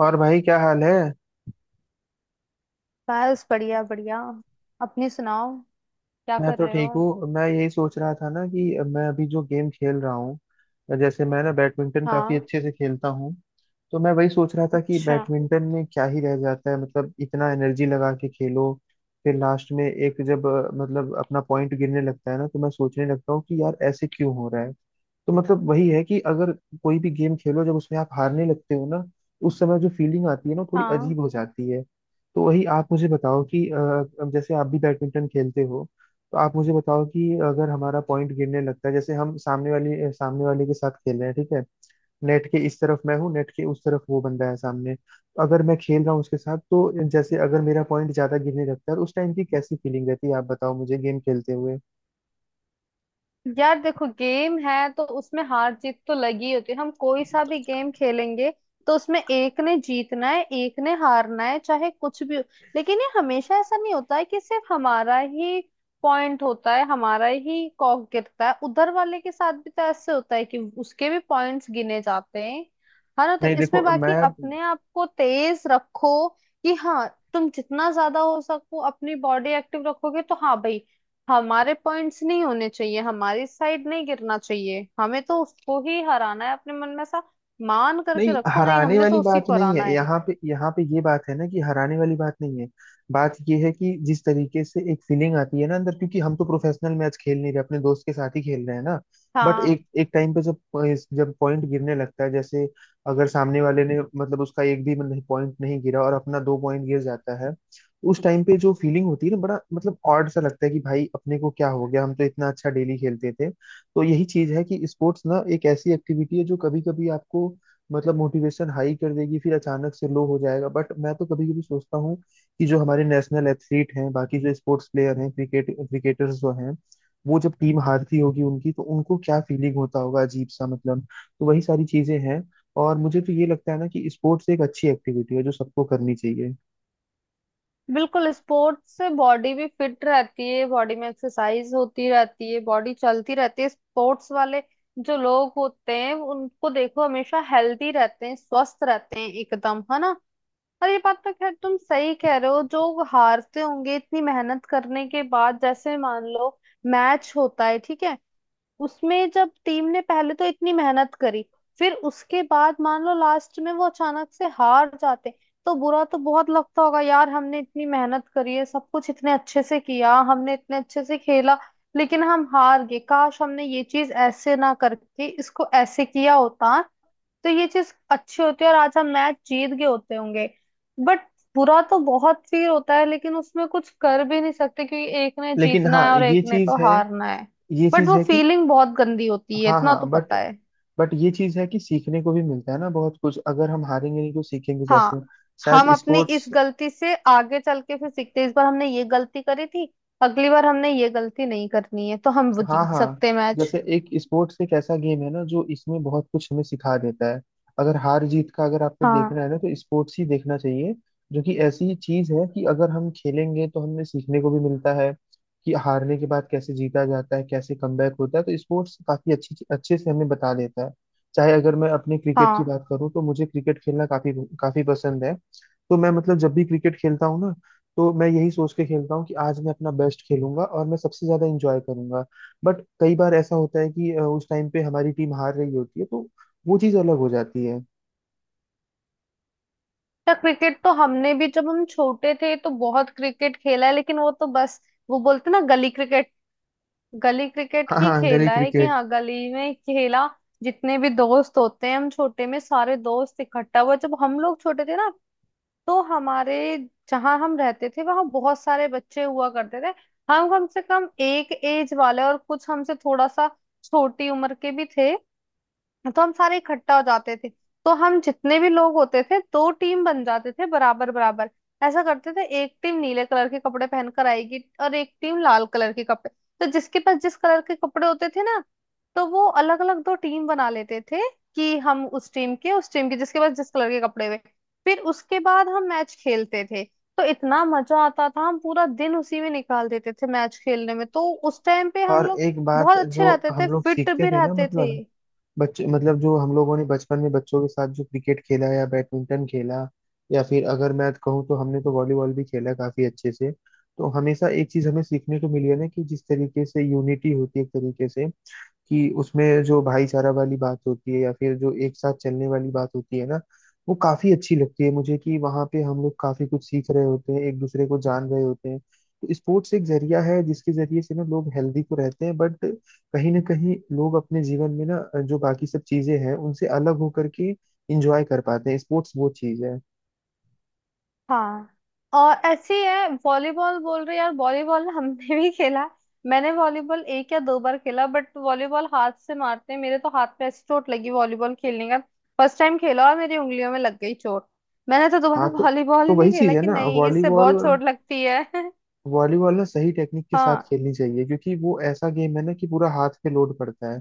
और भाई, क्या हाल है। बस बढ़िया बढ़िया। अपनी सुनाओ। क्या मैं कर तो रहे ठीक हो? हूँ। मैं यही सोच रहा था ना कि मैं अभी जो गेम खेल रहा हूँ, जैसे मैं ना बैडमिंटन काफी हाँ। अच्छे से खेलता हूँ। तो मैं वही सोच रहा था कि अच्छा। बैडमिंटन में क्या ही रह जाता है, मतलब इतना एनर्जी लगा के खेलो। फिर लास्ट में एक जब मतलब अपना पॉइंट गिरने लगता है ना, तो मैं सोचने लगता हूँ कि यार ऐसे क्यों हो रहा है। तो मतलब वही है कि अगर कोई भी गेम खेलो जब उसमें आप हारने लगते हो ना, उस समय जो फीलिंग आती है ना, वो थोड़ी हाँ, अजीब हो जाती है। तो वही आप मुझे बताओ कि अब जैसे आप भी बैडमिंटन खेलते हो। तो आप मुझे बताओ कि अगर हमारा पॉइंट गिरने लगता है, जैसे हम सामने वाले के साथ खेल रहे हैं, ठीक है। नेट के इस तरफ मैं हूँ, नेट के उस तरफ वो बंदा है सामने, तो अगर मैं खेल रहा हूँ उसके साथ, तो जैसे अगर मेरा पॉइंट ज्यादा गिरने लगता है, उस टाइम की कैसी फीलिंग रहती है, आप बताओ मुझे गेम खेलते हुए। यार देखो, गेम है तो उसमें हार जीत तो लगी होती है। हम कोई सा भी गेम खेलेंगे तो उसमें एक ने जीतना है एक ने हारना है, चाहे कुछ भी हो। लेकिन ये हमेशा ऐसा नहीं होता है कि सिर्फ हमारा ही पॉइंट होता है, हमारा ही कॉक गिरता है। उधर वाले के साथ भी तो ऐसे होता है कि उसके भी पॉइंट्स गिने जाते हैं, है ना। तो नहीं देखो इसमें बाकी मैं। अपने आप को तेज रखो कि हाँ, तुम जितना ज्यादा हो सको अपनी बॉडी एक्टिव रखोगे तो हाँ भाई, हमारे पॉइंट्स नहीं होने चाहिए, हमारी साइड नहीं गिरना चाहिए, हमें तो उसको ही हराना है। अपने मन में ऐसा मान करके नहीं, रखो, नहीं, हराने हमने वाली तो उसी बात को नहीं हराना है, है। यहाँ पे ये बात है ना कि हराने वाली बात नहीं है। बात ये है कि जिस तरीके से एक फीलिंग आती है ना अंदर, क्योंकि हम तो प्रोफेशनल मैच खेल नहीं रहे, अपने दोस्त के साथ ही खेल रहे हैं ना। बट हाँ, एक एक टाइम पे जब जब पॉइंट गिरने लगता है, जैसे अगर सामने वाले ने मतलब उसका एक भी मतलब पॉइंट नहीं गिरा और अपना दो पॉइंट गिर जाता है, उस टाइम पे जो फीलिंग होती है ना, बड़ा मतलब ऑड सा लगता है कि भाई अपने को क्या हो गया, हम तो इतना अच्छा डेली खेलते थे। तो यही चीज है कि स्पोर्ट्स ना एक ऐसी एक्टिविटी है जो कभी कभी आपको मतलब मोटिवेशन हाई कर देगी, फिर अचानक से लो हो जाएगा। बट मैं तो कभी कभी सोचता हूँ कि जो हमारे नेशनल एथलीट हैं, बाकी जो स्पोर्ट्स प्लेयर हैं, क्रिकेटर्स जो हैं, वो जब टीम हारती होगी उनकी, तो उनको क्या फीलिंग होता होगा, अजीब सा मतलब। तो वही सारी चीजें हैं। और मुझे तो ये लगता है ना कि स्पोर्ट्स एक अच्छी एक्टिविटी है जो सबको करनी चाहिए। बिल्कुल। स्पोर्ट्स से बॉडी भी फिट रहती है, बॉडी में एक्सरसाइज होती रहती है, बॉडी चलती रहती है। स्पोर्ट्स वाले जो लोग होते हैं उनको देखो, हमेशा हेल्दी रहते हैं, स्वस्थ रहते हैं एकदम, है ना। और ये बात तो खैर तुम सही कह रहे हो, जो हारते होंगे इतनी मेहनत करने के बाद। जैसे मान लो मैच होता है, ठीक है, उसमें जब टीम ने पहले तो इतनी मेहनत करी, फिर उसके बाद मान लो लास्ट में वो अचानक से हार जाते, तो बुरा तो बहुत लगता होगा। यार हमने इतनी मेहनत करी है, सब कुछ इतने अच्छे से किया, हमने इतने अच्छे से खेला, लेकिन हम हार गए। काश हमने ये चीज ऐसे ना करके इसको ऐसे किया होता तो ये चीज अच्छी होती है, और आज हम मैच जीत गए होते होंगे। बट बुरा तो बहुत फील होता है, लेकिन उसमें कुछ कर भी नहीं सकते, क्योंकि एक ने लेकिन हाँ, जीतना है और एक ये ने चीज तो है। हारना है। ये बट चीज वो है कि, फीलिंग बहुत गंदी होती है, हाँ इतना हाँ, तो बट पता है। बट ये चीज है कि सीखने को भी मिलता है ना बहुत कुछ, अगर हम हारेंगे नहीं तो सीखेंगे हाँ, कैसे। हम शायद अपनी इस स्पोर्ट्स। गलती से आगे चल के फिर सीखते हैं। इस बार हमने ये गलती करी थी, अगली बार हमने ये गलती नहीं करनी है, तो हम वो हाँ जीत हाँ। सकते हैं मैच। जैसे एक स्पोर्ट्स एक ऐसा गेम है ना जो इसमें बहुत कुछ हमें सिखा देता है। अगर हार जीत का अगर आपको हाँ देखना है ना, तो स्पोर्ट्स ही देखना चाहिए। जो कि ऐसी चीज है कि अगर हम खेलेंगे तो हमें सीखने को भी मिलता है कि हारने के बाद कैसे जीता जाता है, कैसे कमबैक होता है। तो स्पोर्ट्स काफी अच्छी अच्छे से हमें बता देता है। चाहे अगर मैं अपने क्रिकेट की हाँ। बात करूँ, तो मुझे क्रिकेट खेलना काफी काफी पसंद है। तो मैं मतलब जब भी क्रिकेट खेलता हूँ ना, तो मैं यही सोच के खेलता हूँ कि आज मैं अपना बेस्ट खेलूंगा और मैं सबसे ज्यादा इंजॉय करूंगा। बट कई बार ऐसा होता है कि उस टाइम पे हमारी टीम हार रही होती है, तो वो चीज अलग हो जाती है। या क्रिकेट तो हमने भी, जब हम छोटे थे तो बहुत क्रिकेट खेला है, लेकिन वो तो बस वो बोलते ना गली क्रिकेट, गली क्रिकेट हाँ ही हाँ, गली खेला है कि क्रिकेट। हाँ, गली में खेला। जितने भी दोस्त होते हैं, हम छोटे में सारे दोस्त इकट्ठा हुआ जब हम लोग छोटे थे ना, तो हमारे, जहाँ हम रहते थे वहाँ बहुत सारे बच्चे हुआ करते थे। हम कम से कम एक एज वाले, और कुछ हमसे थोड़ा सा छोटी उम्र के भी थे। तो हम सारे इकट्ठा हो जाते थे। तो हम जितने भी लोग होते थे, दो टीम बन जाते थे बराबर बराबर। ऐसा करते थे, एक टीम नीले कलर के कपड़े पहनकर आएगी और एक टीम लाल कलर के कपड़े। तो जिसके पास जिस कलर के कपड़े होते थे ना, तो वो अलग अलग दो टीम बना लेते थे कि हम उस टीम के, उस टीम के, जिसके पास जिस कलर के कपड़े हुए। फिर उसके बाद हम मैच खेलते थे। तो इतना मजा आता था, हम पूरा दिन उसी में निकाल देते थे मैच खेलने में। तो उस टाइम पे हम और लोग एक बात बहुत अच्छे जो रहते हम थे, लोग फिट सीखते भी थे ना, रहते थे। मतलब बच्चे, मतलब जो हम लोगों ने बचपन में बच्चों के साथ जो क्रिकेट खेला या बैडमिंटन खेला, या फिर अगर मैं कहूँ तो हमने तो वॉलीबॉल भी खेला काफी अच्छे से। तो हमेशा एक चीज हमें सीखने को मिली है ना कि जिस तरीके से यूनिटी होती है एक तरीके से, कि उसमें जो भाईचारा वाली बात होती है, या फिर जो एक साथ चलने वाली बात होती है ना, वो काफी अच्छी लगती है मुझे, कि वहाँ पे हम लोग काफी कुछ सीख रहे होते हैं, एक दूसरे को जान रहे होते हैं। तो स्पोर्ट्स एक जरिया है जिसके जरिए से ना लोग हेल्दी तो रहते हैं, बट कहीं ना कहीं लोग अपने जीवन में ना, जो बाकी सब चीजें हैं उनसे अलग होकर के इंजॉय कर पाते हैं। स्पोर्ट्स वो चीज है। हाँ, और ऐसी है वॉलीबॉल, बोल रहे यार वॉलीबॉल हमने भी खेला। मैंने वॉलीबॉल एक या दो बार खेला। बट वॉलीबॉल हाथ से मारते हैं, मेरे तो हाथ पे ऐसी चोट लगी वॉलीबॉल खेलने का। फर्स्ट टाइम खेला और मेरी उंगलियों में लग गई चोट। मैंने तो हाँ दोबारा तो। वॉलीबॉल ही नहीं वही चीज खेला है कि ना, नहीं, इससे वॉलीबॉल। बहुत चोट लगती है। वॉलीबॉल ना सही टेक्निक के साथ हाँ, खेलनी चाहिए, क्योंकि वो ऐसा गेम है ना कि पूरा हाथ पे लोड पड़ता है।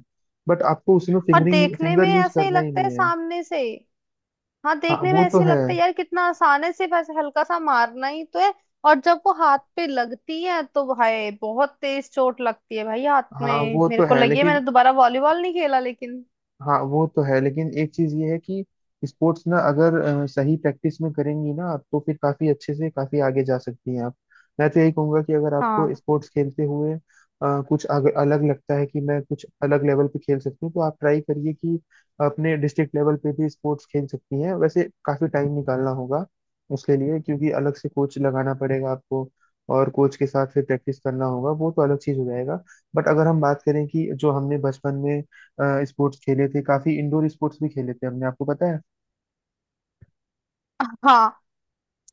बट आपको उसमें और देखने में फिंगर यूज ऐसा ही करना ही लगता है नहीं है। सामने से। हाँ, हाँ देखने में वो तो ऐसे है। लगता है यार, कितना आसान है, सिर्फ ऐसे हल्का सा मारना ही तो है। और जब वो हाथ पे लगती है तो भाई बहुत तेज चोट लगती है। भाई हाथ हाँ में वो मेरे तो को है लगी है, मैंने लेकिन। दोबारा वॉलीबॉल नहीं खेला लेकिन। एक चीज ये है कि स्पोर्ट्स ना अगर सही प्रैक्टिस में करेंगी ना आप, तो फिर काफी अच्छे से काफी आगे जा सकती हैं आप। मैं तो यही कहूंगा कि अगर आपको हाँ स्पोर्ट्स खेलते हुए कुछ अलग लगता है कि मैं कुछ अलग लेवल पे खेल सकती हूँ, तो आप ट्राई करिए कि अपने डिस्ट्रिक्ट लेवल पे भी स्पोर्ट्स खेल सकती हैं। वैसे काफी टाइम निकालना होगा उसके लिए, क्योंकि अलग से कोच लगाना पड़ेगा आपको, और कोच के साथ फिर प्रैक्टिस करना होगा, वो तो अलग चीज हो जाएगा। बट अगर हम बात करें कि जो हमने बचपन में स्पोर्ट्स खेले थे, काफी इंडोर स्पोर्ट्स भी खेले थे हमने, आपको पता है। हाँ,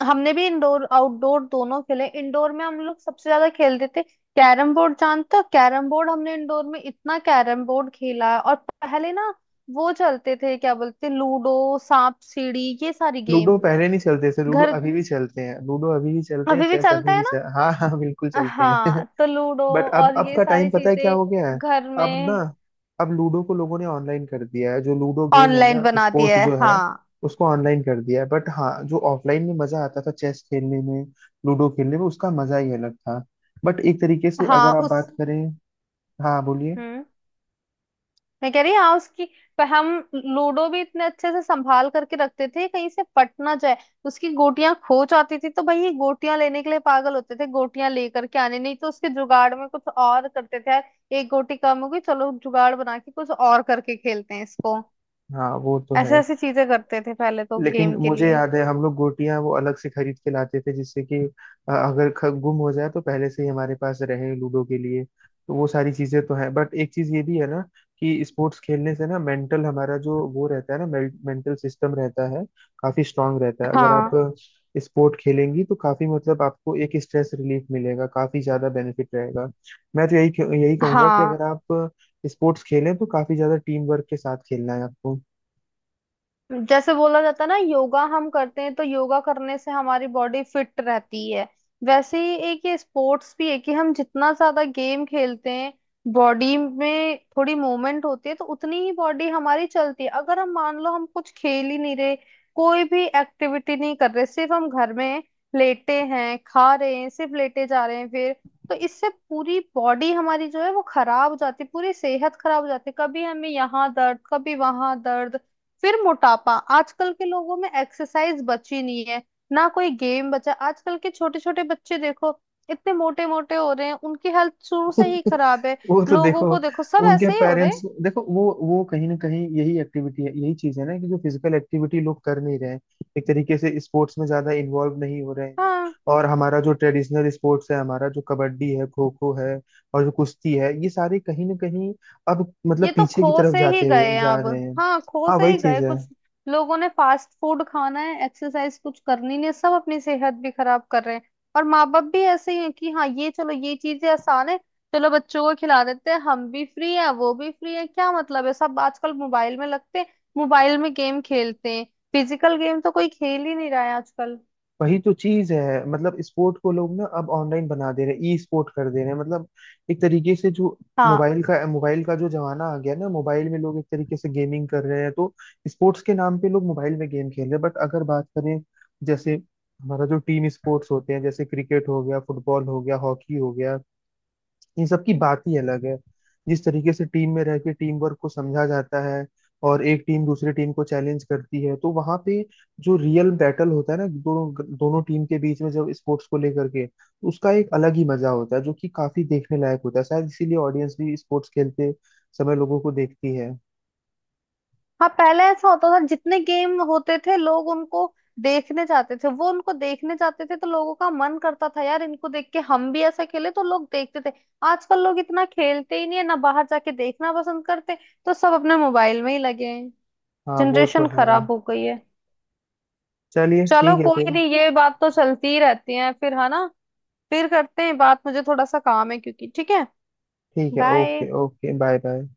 हमने भी इंडोर आउटडोर दोनों खेले। इंडोर में हम लोग सबसे ज्यादा खेलते थे कैरम बोर्ड। जानते हो कैरम बोर्ड? हमने इंडोर में इतना कैरम बोर्ड खेला है। और पहले ना वो चलते थे क्या बोलते, लूडो, सांप सीढ़ी, ये सारी लूडो गेम। पहले नहीं चलते थे, लूडो घर अभी भी चलते हैं, लूडो अभी भी चलते हैं, अभी भी चेस चलता अभी भी है ना। हाँ हाँ बिल्कुल चलते हैं। हाँ तो लूडो बट अब और अब ये का टाइम सारी पता है क्या हो गया चीजें है। घर अब ना, में। अब लूडो को लोगों ने ऑनलाइन कर दिया है, जो लूडो गेम है ऑनलाइन ना, बना दी स्पोर्ट है, जो है हाँ। उसको ऑनलाइन कर दिया है। बट हाँ, जो ऑफलाइन में मजा आता था चेस खेलने में, लूडो खेलने में, उसका मजा ही अलग था। बट एक तरीके से हाँ, अगर आप बात उस, करें। हाँ बोलिए। हम्म, मैं कह रही हाँ उसकी, पर हम लूडो भी इतने अच्छे से संभाल करके रखते थे कहीं से पट ना जाए। उसकी गोटियां खो जाती थी, तो भाई ये गोटियां लेने के लिए पागल होते थे, गोटियां लेकर के आने, नहीं तो उसके जुगाड़ में कुछ और करते थे यार। एक गोटी कम हो गई, चलो जुगाड़ बना के कुछ और करके खेलते हैं इसको। हाँ वो तो ऐसे है। ऐसी चीजें करते थे पहले तो लेकिन गेम के मुझे लिए। याद है हम लोग गोटियां वो अलग से खरीद के लाते थे, जिससे कि अगर गुम हो जाए तो पहले से ही हमारे पास रहे लूडो के लिए। तो वो सारी चीजें तो है, बट एक चीज ये भी है ना कि स्पोर्ट्स खेलने से ना मेंटल हमारा जो वो रहता है ना, मेंटल सिस्टम रहता है, काफी स्ट्रांग रहता है अगर आप हाँ स्पोर्ट खेलेंगी तो। काफी मतलब आपको एक स्ट्रेस रिलीफ मिलेगा, काफी ज्यादा बेनिफिट रहेगा। मैं तो यही यही कहूंगा कि अगर हाँ, आप स्पोर्ट्स खेलें तो काफी ज्यादा टीम वर्क के साथ खेलना है आपको। जैसे बोला जाता है ना, योगा हम करते हैं तो योगा करने से हमारी बॉडी फिट रहती है। वैसे ही एक ये स्पोर्ट्स भी है कि हम जितना ज्यादा गेम खेलते हैं, बॉडी में थोड़ी मूवमेंट होती है, तो उतनी ही बॉडी हमारी चलती है। अगर हम मान लो हम कुछ खेल ही नहीं रहे, कोई भी एक्टिविटी नहीं कर रहे, सिर्फ हम घर में लेटे हैं, खा रहे हैं, सिर्फ लेटे जा रहे हैं, फिर तो इससे पूरी बॉडी हमारी जो है वो खराब हो जाती है, पूरी सेहत खराब हो जाती है। कभी हमें यहाँ दर्द, कभी वहां दर्द, फिर मोटापा। आजकल के लोगों में एक्सरसाइज बची नहीं है, ना कोई गेम बचा। आजकल के छोटे छोटे बच्चे देखो, इतने मोटे मोटे हो रहे हैं, उनकी हेल्थ शुरू से ही खराब है। वो तो लोगों देखो। को देखो, सब उनके ऐसे ही हो रहे हैं। पेरेंट्स देखो, वो कहीं ना कहीं यही एक्टिविटी है, यही चीज है ना कि जो फिजिकल एक्टिविटी लोग कर नहीं रहे हैं, एक तरीके से स्पोर्ट्स में ज्यादा इन्वॉल्व नहीं हो रहे हैं। हाँ, और हमारा जो ट्रेडिशनल स्पोर्ट्स है, हमारा जो कबड्डी है, खो खो है, और जो कुश्ती है, ये सारे कहीं ना कहीं अब मतलब ये तो पीछे की खो तरफ से ही जाते हुए गए हैं जा अब। रहे हैं। हाँ, खो हाँ, से वही ही गए चीज है। कुछ। लोगों ने फास्ट फूड खाना है, एक्सरसाइज कुछ करनी नहीं है, सब अपनी सेहत भी खराब कर रहे हैं। और माँ बाप भी ऐसे ही हैं कि हाँ, ये चलो ये चीजें आसान है, चलो बच्चों को खिला देते हैं, हम भी फ्री है वो भी फ्री है, क्या मतलब है। सब आजकल मोबाइल में लगते हैं, मोबाइल में गेम खेलते हैं, फिजिकल गेम तो कोई खेल ही नहीं रहा है आजकल। वही तो चीज है, मतलब स्पोर्ट को लोग ना अब ऑनलाइन बना दे रहे हैं, ई स्पोर्ट कर दे रहे हैं, मतलब एक तरीके से जो हाँ मोबाइल का जो जमाना आ गया ना, मोबाइल में लोग एक तरीके से गेमिंग कर रहे हैं, तो स्पोर्ट्स के नाम पे लोग मोबाइल में गेम खेल रहे हैं। बट अगर बात करें जैसे हमारा जो टीम स्पोर्ट्स होते हैं, जैसे क्रिकेट हो गया, फुटबॉल हो गया, हॉकी हो गया, इन सब की बात ही अलग है। जिस तरीके से टीम में रह के टीम वर्क को समझा जाता है, और एक टीम दूसरी टीम को चैलेंज करती है, तो वहां पे जो रियल बैटल होता है ना दोनों दोनों टीम के बीच में, जब स्पोर्ट्स को लेकर के, उसका एक अलग ही मजा होता है, जो कि काफी देखने लायक होता है। शायद इसीलिए ऑडियंस भी स्पोर्ट्स खेलते समय लोगों को देखती है। हाँ, पहले ऐसा होता था जितने गेम होते थे लोग उनको देखने जाते थे, वो उनको देखने जाते थे तो लोगों का मन करता था यार इनको देख के हम भी ऐसा खेले, तो लोग देखते थे। आजकल लोग इतना खेलते ही नहीं है ना बाहर जाके, देखना पसंद करते, तो सब अपने मोबाइल में ही लगे हैं। हाँ, वो तो जनरेशन है। खराब हो गई है। चलिए चलो ठीक है फिर। कोई नहीं, ये बात तो चलती ही रहती है, फिर है ना। फिर करते हैं बात, मुझे थोड़ा सा काम है क्योंकि, ठीक है। ठीक है, okay bye. Okay, bye bye.